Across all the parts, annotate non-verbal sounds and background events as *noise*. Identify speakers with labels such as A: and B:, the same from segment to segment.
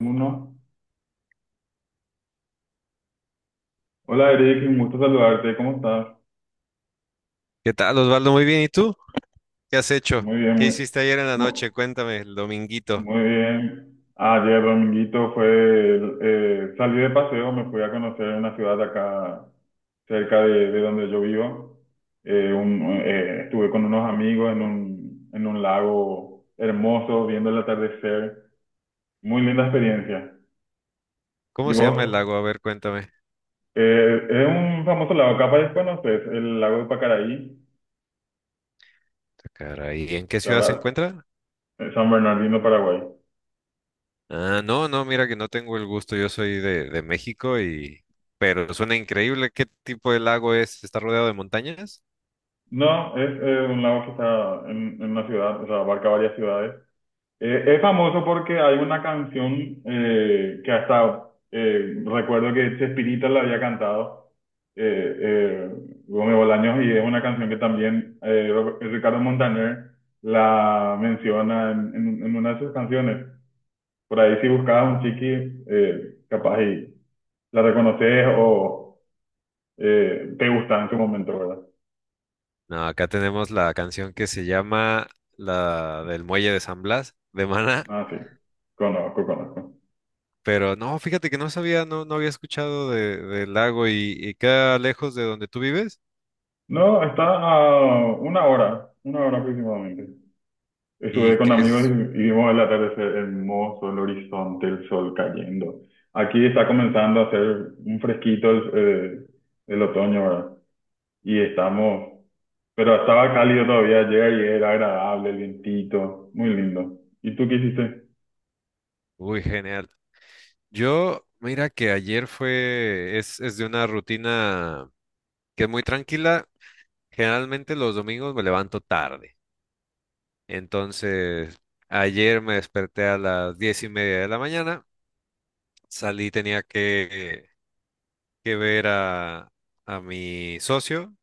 A: Uno. Hola Eric, un gusto saludarte, ¿cómo estás?
B: ¿Qué tal, Osvaldo? Muy bien. ¿Y tú? ¿Qué has hecho?
A: Muy bien,
B: ¿Qué hiciste ayer en la noche?
A: mu-
B: Cuéntame, el dominguito.
A: muy bien. Ayer dominguito fue, salí de paseo, me fui a conocer una ciudad acá cerca de donde yo vivo. Estuve con unos amigos en un lago hermoso, viendo el atardecer. Muy linda experiencia. ¿Y
B: ¿Cómo se llama el
A: vos?
B: lago? A ver, cuéntame.
A: Es un famoso lago, capaz conoces, el lago de Pacaraí,
B: Ah, caray, ¿en qué
A: que
B: ciudad se
A: ahora
B: encuentra?
A: es San Bernardino, Paraguay.
B: Ah, no, no, mira que no tengo el gusto. Yo soy de México. Y... Pero suena increíble. ¿Qué tipo de lago es? ¿Está rodeado de montañas?
A: No, es un lago que está en una ciudad, o sea, abarca varias ciudades. Es famoso porque hay una canción que hasta recuerdo que Chespirita la había cantado, eh, eh, Gómez Bolaños, y es una canción que también Ricardo Montaner la menciona en una de sus canciones. Por ahí si buscabas un chiqui, capaz y la reconoces o te gusta en su momento, ¿verdad?
B: No, acá tenemos la canción que se llama la del Muelle de San Blas, de Maná.
A: Ah, sí, conozco, conozco.
B: Pero no, fíjate que no sabía, no, no había escuchado del lago y queda lejos de donde tú vives.
A: No, está a una hora aproximadamente. Estuve
B: ¿Y
A: con
B: qué
A: amigos
B: es?
A: y vimos el atardecer hermoso, el horizonte, el sol cayendo. Aquí está comenzando a hacer un fresquito el otoño, ¿verdad? Y estamos, pero estaba cálido todavía ayer y era agradable, el vientito, muy lindo. ¿Y tú qué hiciste?
B: Uy, genial. Yo, mira que ayer es de una rutina que es muy tranquila. Generalmente los domingos me levanto tarde. Entonces, ayer me desperté a las 10:30 de la mañana. Salí, tenía que ver a mi socio,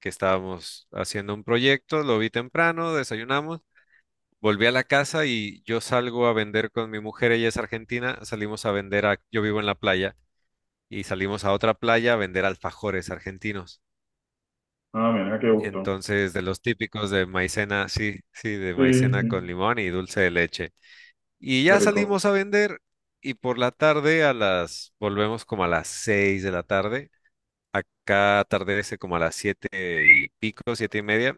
B: que estábamos haciendo un proyecto. Lo vi temprano, desayunamos. Volví a la casa y yo salgo a vender con mi mujer, ella es argentina, salimos a vender a, yo vivo en la playa y salimos a otra playa a vender alfajores argentinos.
A: Ah, mira, qué gusto.
B: Entonces, de los típicos de maicena, sí, sí, de
A: Sí,
B: maicena con
A: sí,
B: limón y dulce de leche. Y
A: qué
B: ya
A: rico.
B: salimos a vender y por la tarde a las, volvemos como a las 6 de la tarde. Acá atardece como a las 7 y pico, 7 y media.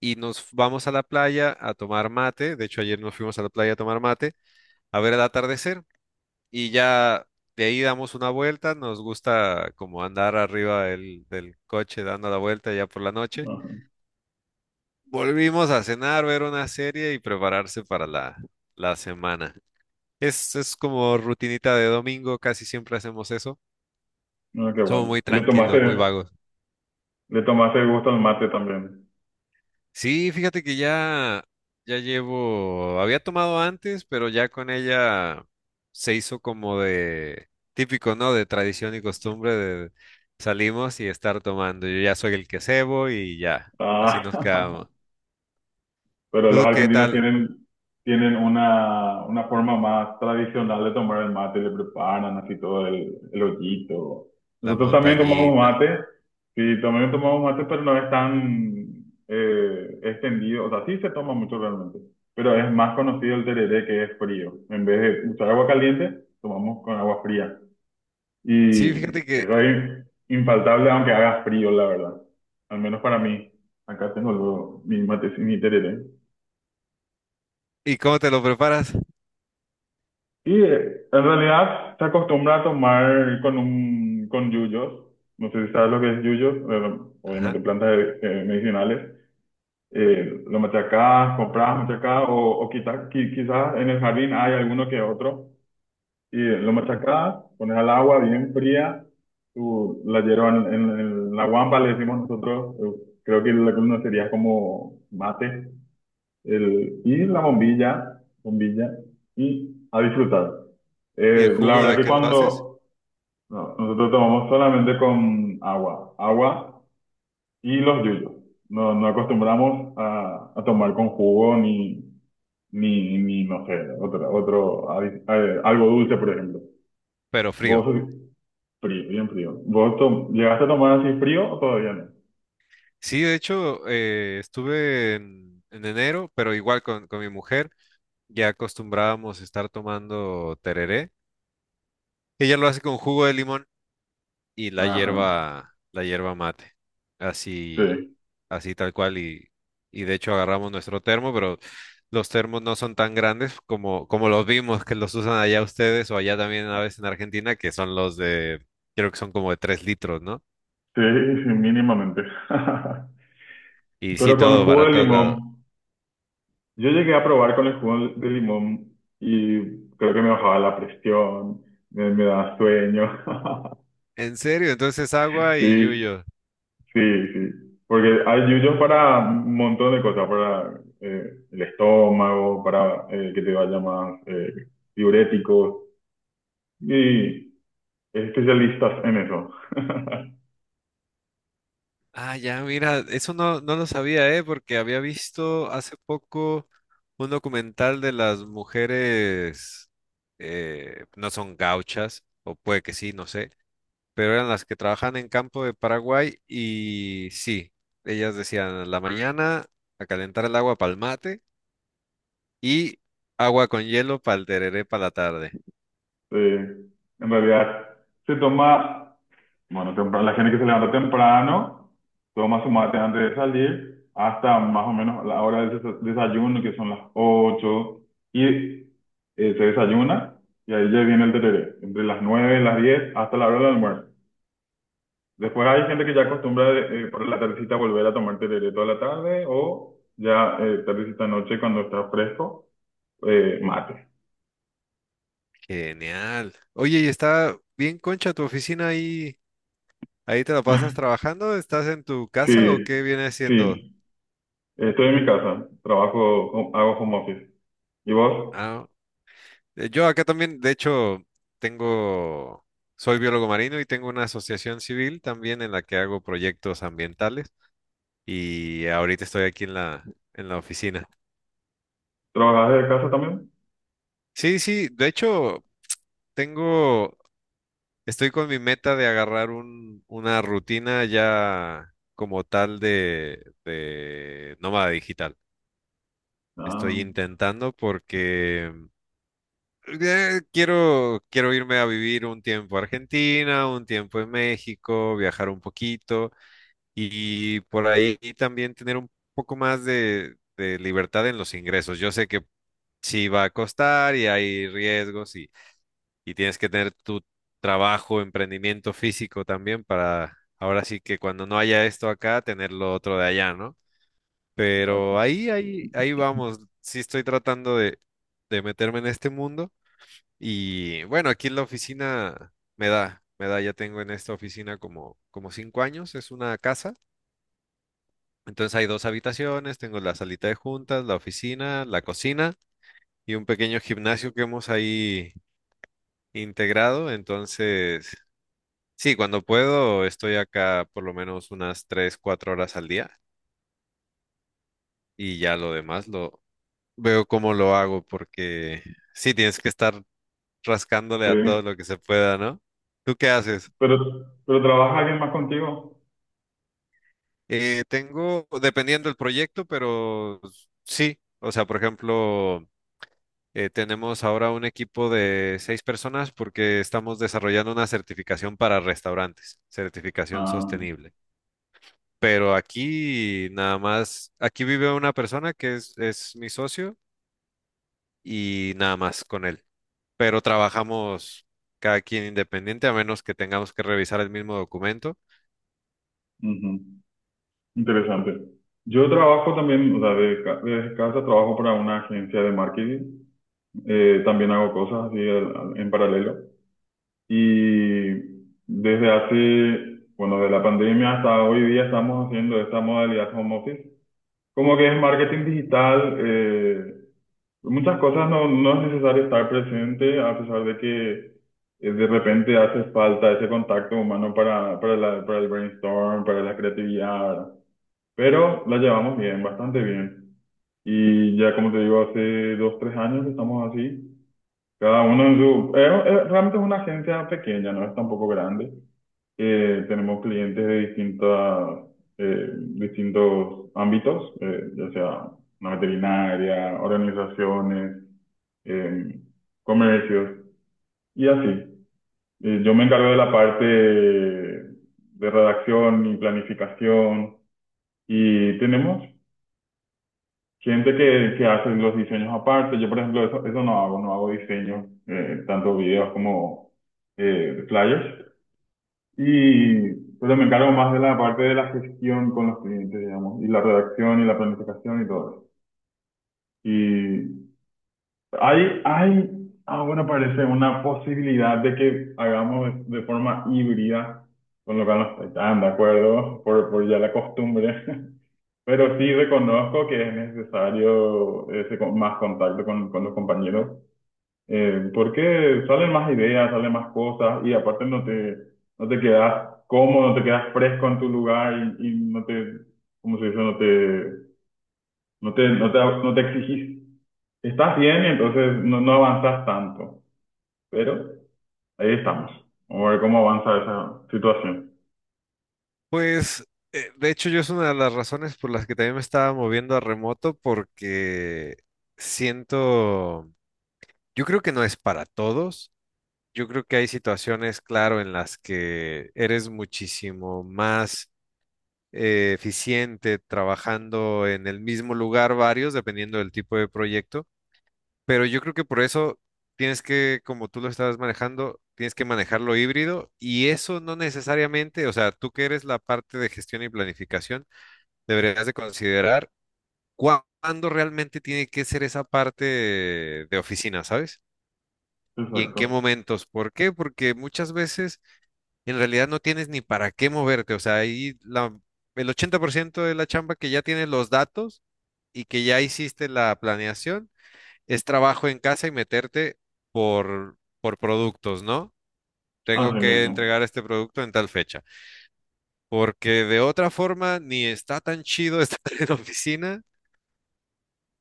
B: Y nos vamos a la playa a tomar mate. De hecho, ayer nos fuimos a la playa a tomar mate, a ver el atardecer. Y ya de ahí damos una vuelta, nos gusta como andar arriba del coche dando la vuelta ya por la noche.
A: Ajá.
B: Volvimos a cenar, ver una serie y prepararse para la semana. Es como rutinita de domingo, casi siempre hacemos eso.
A: Ah, qué
B: Somos
A: bueno.
B: muy
A: ¿Le tomaste,
B: tranquilos, muy vagos.
A: le tomaste el gusto al mate también?
B: Sí, fíjate que ya llevo, había tomado antes, pero ya con ella se hizo como de típico, ¿no? De tradición y costumbre de salimos y estar tomando. Yo ya soy el que cebo y ya, así
A: Ah.
B: nos
A: *laughs*
B: quedamos.
A: Pero los
B: ¿Tú qué
A: argentinos
B: tal?
A: tienen una forma más tradicional de tomar el mate, le preparan así todo el ollito.
B: La
A: Nosotros también tomamos
B: montañita.
A: mate, sí, también tomamos mate, pero no es tan extendido, o sea, sí se toma mucho realmente, pero es más conocido el tereré, que es frío. En vez de usar agua caliente, tomamos con agua fría.
B: Sí,
A: Y
B: fíjate que,
A: eso es infaltable aunque haga frío, la verdad. Al menos para mí. Acá tengo mi mate, mi tereré.
B: ¿y cómo te lo preparas?
A: Y en realidad se acostumbra a tomar con un con yuyos. No sé si sabes lo que es yuyos,
B: Ajá.
A: obviamente plantas medicinales. Lo machacás, comprás, machacás o quizás en el jardín hay alguno que otro. Y lo machacás, pones al agua bien fría, tú la hierba en la guampa, le decimos nosotros, creo que la columna sería como mate, el, y la bombilla, bombilla, y a disfrutar.
B: ¿Y el
A: La
B: jugo
A: verdad
B: de
A: que
B: qué lo haces?
A: cuando no, nosotros tomamos solamente con agua, agua y los yuyos. No, no acostumbramos a tomar con jugo ni, ni no sé, algo dulce, por ejemplo.
B: Pero
A: Vos,
B: frío.
A: frío, bien frío. ¿ Llegaste a tomar así frío o todavía no?
B: Sí, de hecho, estuve en enero, pero igual con mi mujer ya acostumbrábamos estar tomando tereré. Ella lo hace con jugo de limón y
A: Ajá,
B: la hierba mate. Así,
A: sí,
B: así tal cual. Y de hecho agarramos nuestro termo, pero los termos no son tan grandes como los vimos que los usan allá ustedes o allá también a veces en Argentina, que son los de, creo que son como de 3 litros, ¿no?
A: sí, sí, mínimamente. *laughs*
B: Y sí,
A: Pero con
B: todo
A: jugo
B: para
A: de
B: todos
A: limón.
B: lados.
A: Yo llegué a probar con el jugo de limón y creo que me bajaba la presión, me daba sueño. *laughs*
B: En serio, entonces agua y
A: Sí,
B: yuyo.
A: sí, sí. Porque hay yuyos para un montón de cosas, para el estómago, para que te vaya más diuréticos. Y es especialistas en eso.
B: Ah, ya, mira, eso no, no lo sabía, ¿eh? Porque había visto hace poco un documental de las mujeres, no son gauchas, o puede que sí, no sé, pero eran las que trabajan en campo de Paraguay y sí, ellas decían, "A la mañana a calentar el agua para el mate y agua con hielo para el tereré para la tarde."
A: Sí. En realidad se toma. Bueno, temprano, la gente que se levanta temprano toma su mate antes de salir, hasta
B: Mm,
A: más o menos la hora del desayuno, que son las 8 y se desayuna, y ahí ya viene el tereré, entre las 9 y las 10, hasta la hora del almuerzo. Después hay gente que ya acostumbra, por la tardecita, volver a tomar tereré toda la tarde, o ya tardecita noche cuando está fresco, mate.
B: Genial. Oye, y está bien concha tu oficina ahí. ¿Ahí te lo pasas
A: *laughs*
B: trabajando? ¿Estás en tu
A: Sí,
B: casa o qué viene siendo?
A: sí, estoy en mi casa, trabajo, hago home office. ¿Y vos?
B: Ah, yo acá también, de hecho, tengo, soy biólogo marino y tengo una asociación civil también en la que hago proyectos ambientales y ahorita estoy aquí en la oficina.
A: ¿Trabajas desde casa también?
B: Sí, sí, de hecho, tengo, estoy con mi meta de agarrar una rutina ya como tal de nómada digital.
A: Ah,
B: Estoy intentando porque quiero, quiero irme a vivir un tiempo a Argentina, un tiempo en México, viajar un poquito y por ahí también tener un poco más de libertad en los ingresos. Yo sé que sí va a costar y hay riesgos y tienes que tener tu trabajo, emprendimiento físico también para ahora sí que cuando no haya esto acá, tener lo otro de allá, ¿no? Pero
A: claro,
B: ahí, ahí, ahí vamos. Sí estoy tratando de meterme en este mundo. Y bueno, aquí en la oficina me da, ya tengo en esta oficina como 5 años, es una casa. Entonces hay 2 habitaciones, tengo la salita de juntas, la oficina, la cocina y un pequeño gimnasio que hemos ahí integrado. Entonces, sí, cuando puedo estoy acá por lo menos unas 3, 4 horas al día y ya lo demás lo veo cómo lo hago porque sí, tienes que estar rascándole a todo
A: sí.
B: lo que se pueda, ¿no? ¿Tú qué haces?
A: Pero, pero ¿trabaja alguien más contigo?
B: Tengo, dependiendo del proyecto, pero sí, o sea, por ejemplo, tenemos ahora un equipo de 6 personas porque estamos desarrollando una certificación para restaurantes, certificación
A: Ah,
B: sostenible. Pero aquí nada más, aquí vive una persona que es mi socio y nada más con él. Pero trabajamos cada quien independiente, a menos que tengamos que revisar el mismo documento.
A: ujú, interesante. Yo trabajo también, o sea, desde casa trabajo para una agencia de marketing. También hago cosas así en paralelo. Y desde hace, bueno, de la pandemia hasta hoy día, estamos haciendo esta modalidad home office. Como que es marketing digital. Muchas cosas, no es necesario estar presente, a pesar de que de repente hace falta ese contacto humano para el brainstorm, para la creatividad, ¿verdad? Pero la llevamos bien, bastante bien. Y ya, como te digo, hace 2, 3 años que estamos así, cada uno en su... realmente es una agencia pequeña, no es tampoco grande. Tenemos clientes de distintos ámbitos, ya sea una veterinaria, organizaciones, eh, comercios y así. Yo me encargo de la parte de redacción y planificación, y tenemos gente que hace los diseños aparte. Yo, por ejemplo, eso no hago, no hago diseño, tanto videos como flyers. Y pues me encargo más de la parte de la gestión con los clientes, digamos, y la redacción y la planificación y todo eso. Y Hay, hay, ahora parece una posibilidad de que hagamos de forma híbrida, con lo que no estoy tan de acuerdo por ya la costumbre, *laughs* pero sí reconozco que es necesario ese más contacto con los compañeros, porque salen más ideas, salen más cosas, y aparte no te quedas cómodo, no te quedas fresco en tu lugar, y no te, ¿cómo se dice? No te exigís. Estás bien y entonces no avanzas tanto. Pero ahí estamos. Vamos a ver cómo avanza esa situación.
B: Pues, de hecho, yo es una de las razones por las que también me estaba moviendo a remoto, porque siento, yo creo que no es para todos. Yo creo que hay situaciones, claro, en las que eres muchísimo más eficiente trabajando en el mismo lugar varios, dependiendo del tipo de proyecto. Pero yo creo que por eso tienes que, como tú lo estabas manejando, tienes que manejarlo híbrido y eso no necesariamente, o sea, tú que eres la parte de gestión y planificación deberías de considerar cuándo realmente tiene que ser esa parte de oficina, ¿sabes? Y en
A: Exacto.
B: qué momentos. ¿Por qué? Porque muchas veces en realidad no tienes ni para qué moverte. O sea, ahí la, el 80% de la chamba que ya tienes los datos y que ya hiciste la planeación es trabajo en casa y meterte por productos, ¿no? Tengo
A: Así
B: que
A: mismo.
B: entregar este producto en tal fecha, porque de otra forma ni está tan chido *laughs* estar en oficina.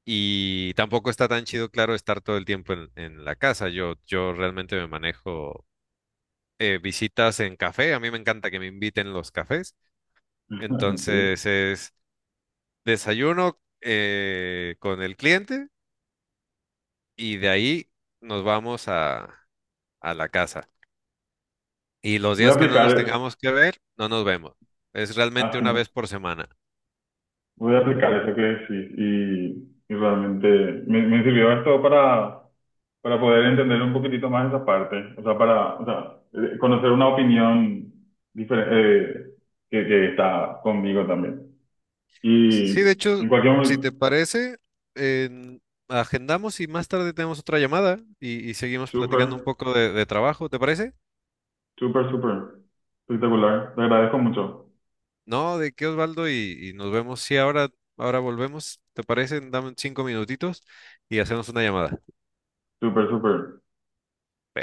B: Y tampoco está tan chido, claro, estar todo el tiempo en la casa. Yo realmente me manejo visitas en café. A mí me encanta que me inviten los cafés.
A: Así sí.
B: Entonces es desayuno con el cliente y de ahí nos vamos a la casa. Y los
A: Voy a
B: días que no nos
A: aplicar,
B: tengamos que ver, no nos vemos. Es realmente una
A: así,
B: vez por semana.
A: Voy a aplicar eso que decís, y realmente me sirvió esto para poder entender un poquitito más esa parte. O sea, o sea, conocer una opinión diferente, que está conmigo también.
B: Sí, de
A: Y en
B: hecho,
A: cualquier
B: si te
A: momento,
B: parece, en- agendamos y más tarde tenemos otra llamada y seguimos platicando un
A: súper,
B: poco de trabajo, ¿te parece?
A: súper, súper espectacular. Te agradezco mucho.
B: No, de qué, Osvaldo, y nos vemos. Sí, ahora volvemos, ¿te parece? Dame 5 minutitos y hacemos una llamada.
A: Súper, súper.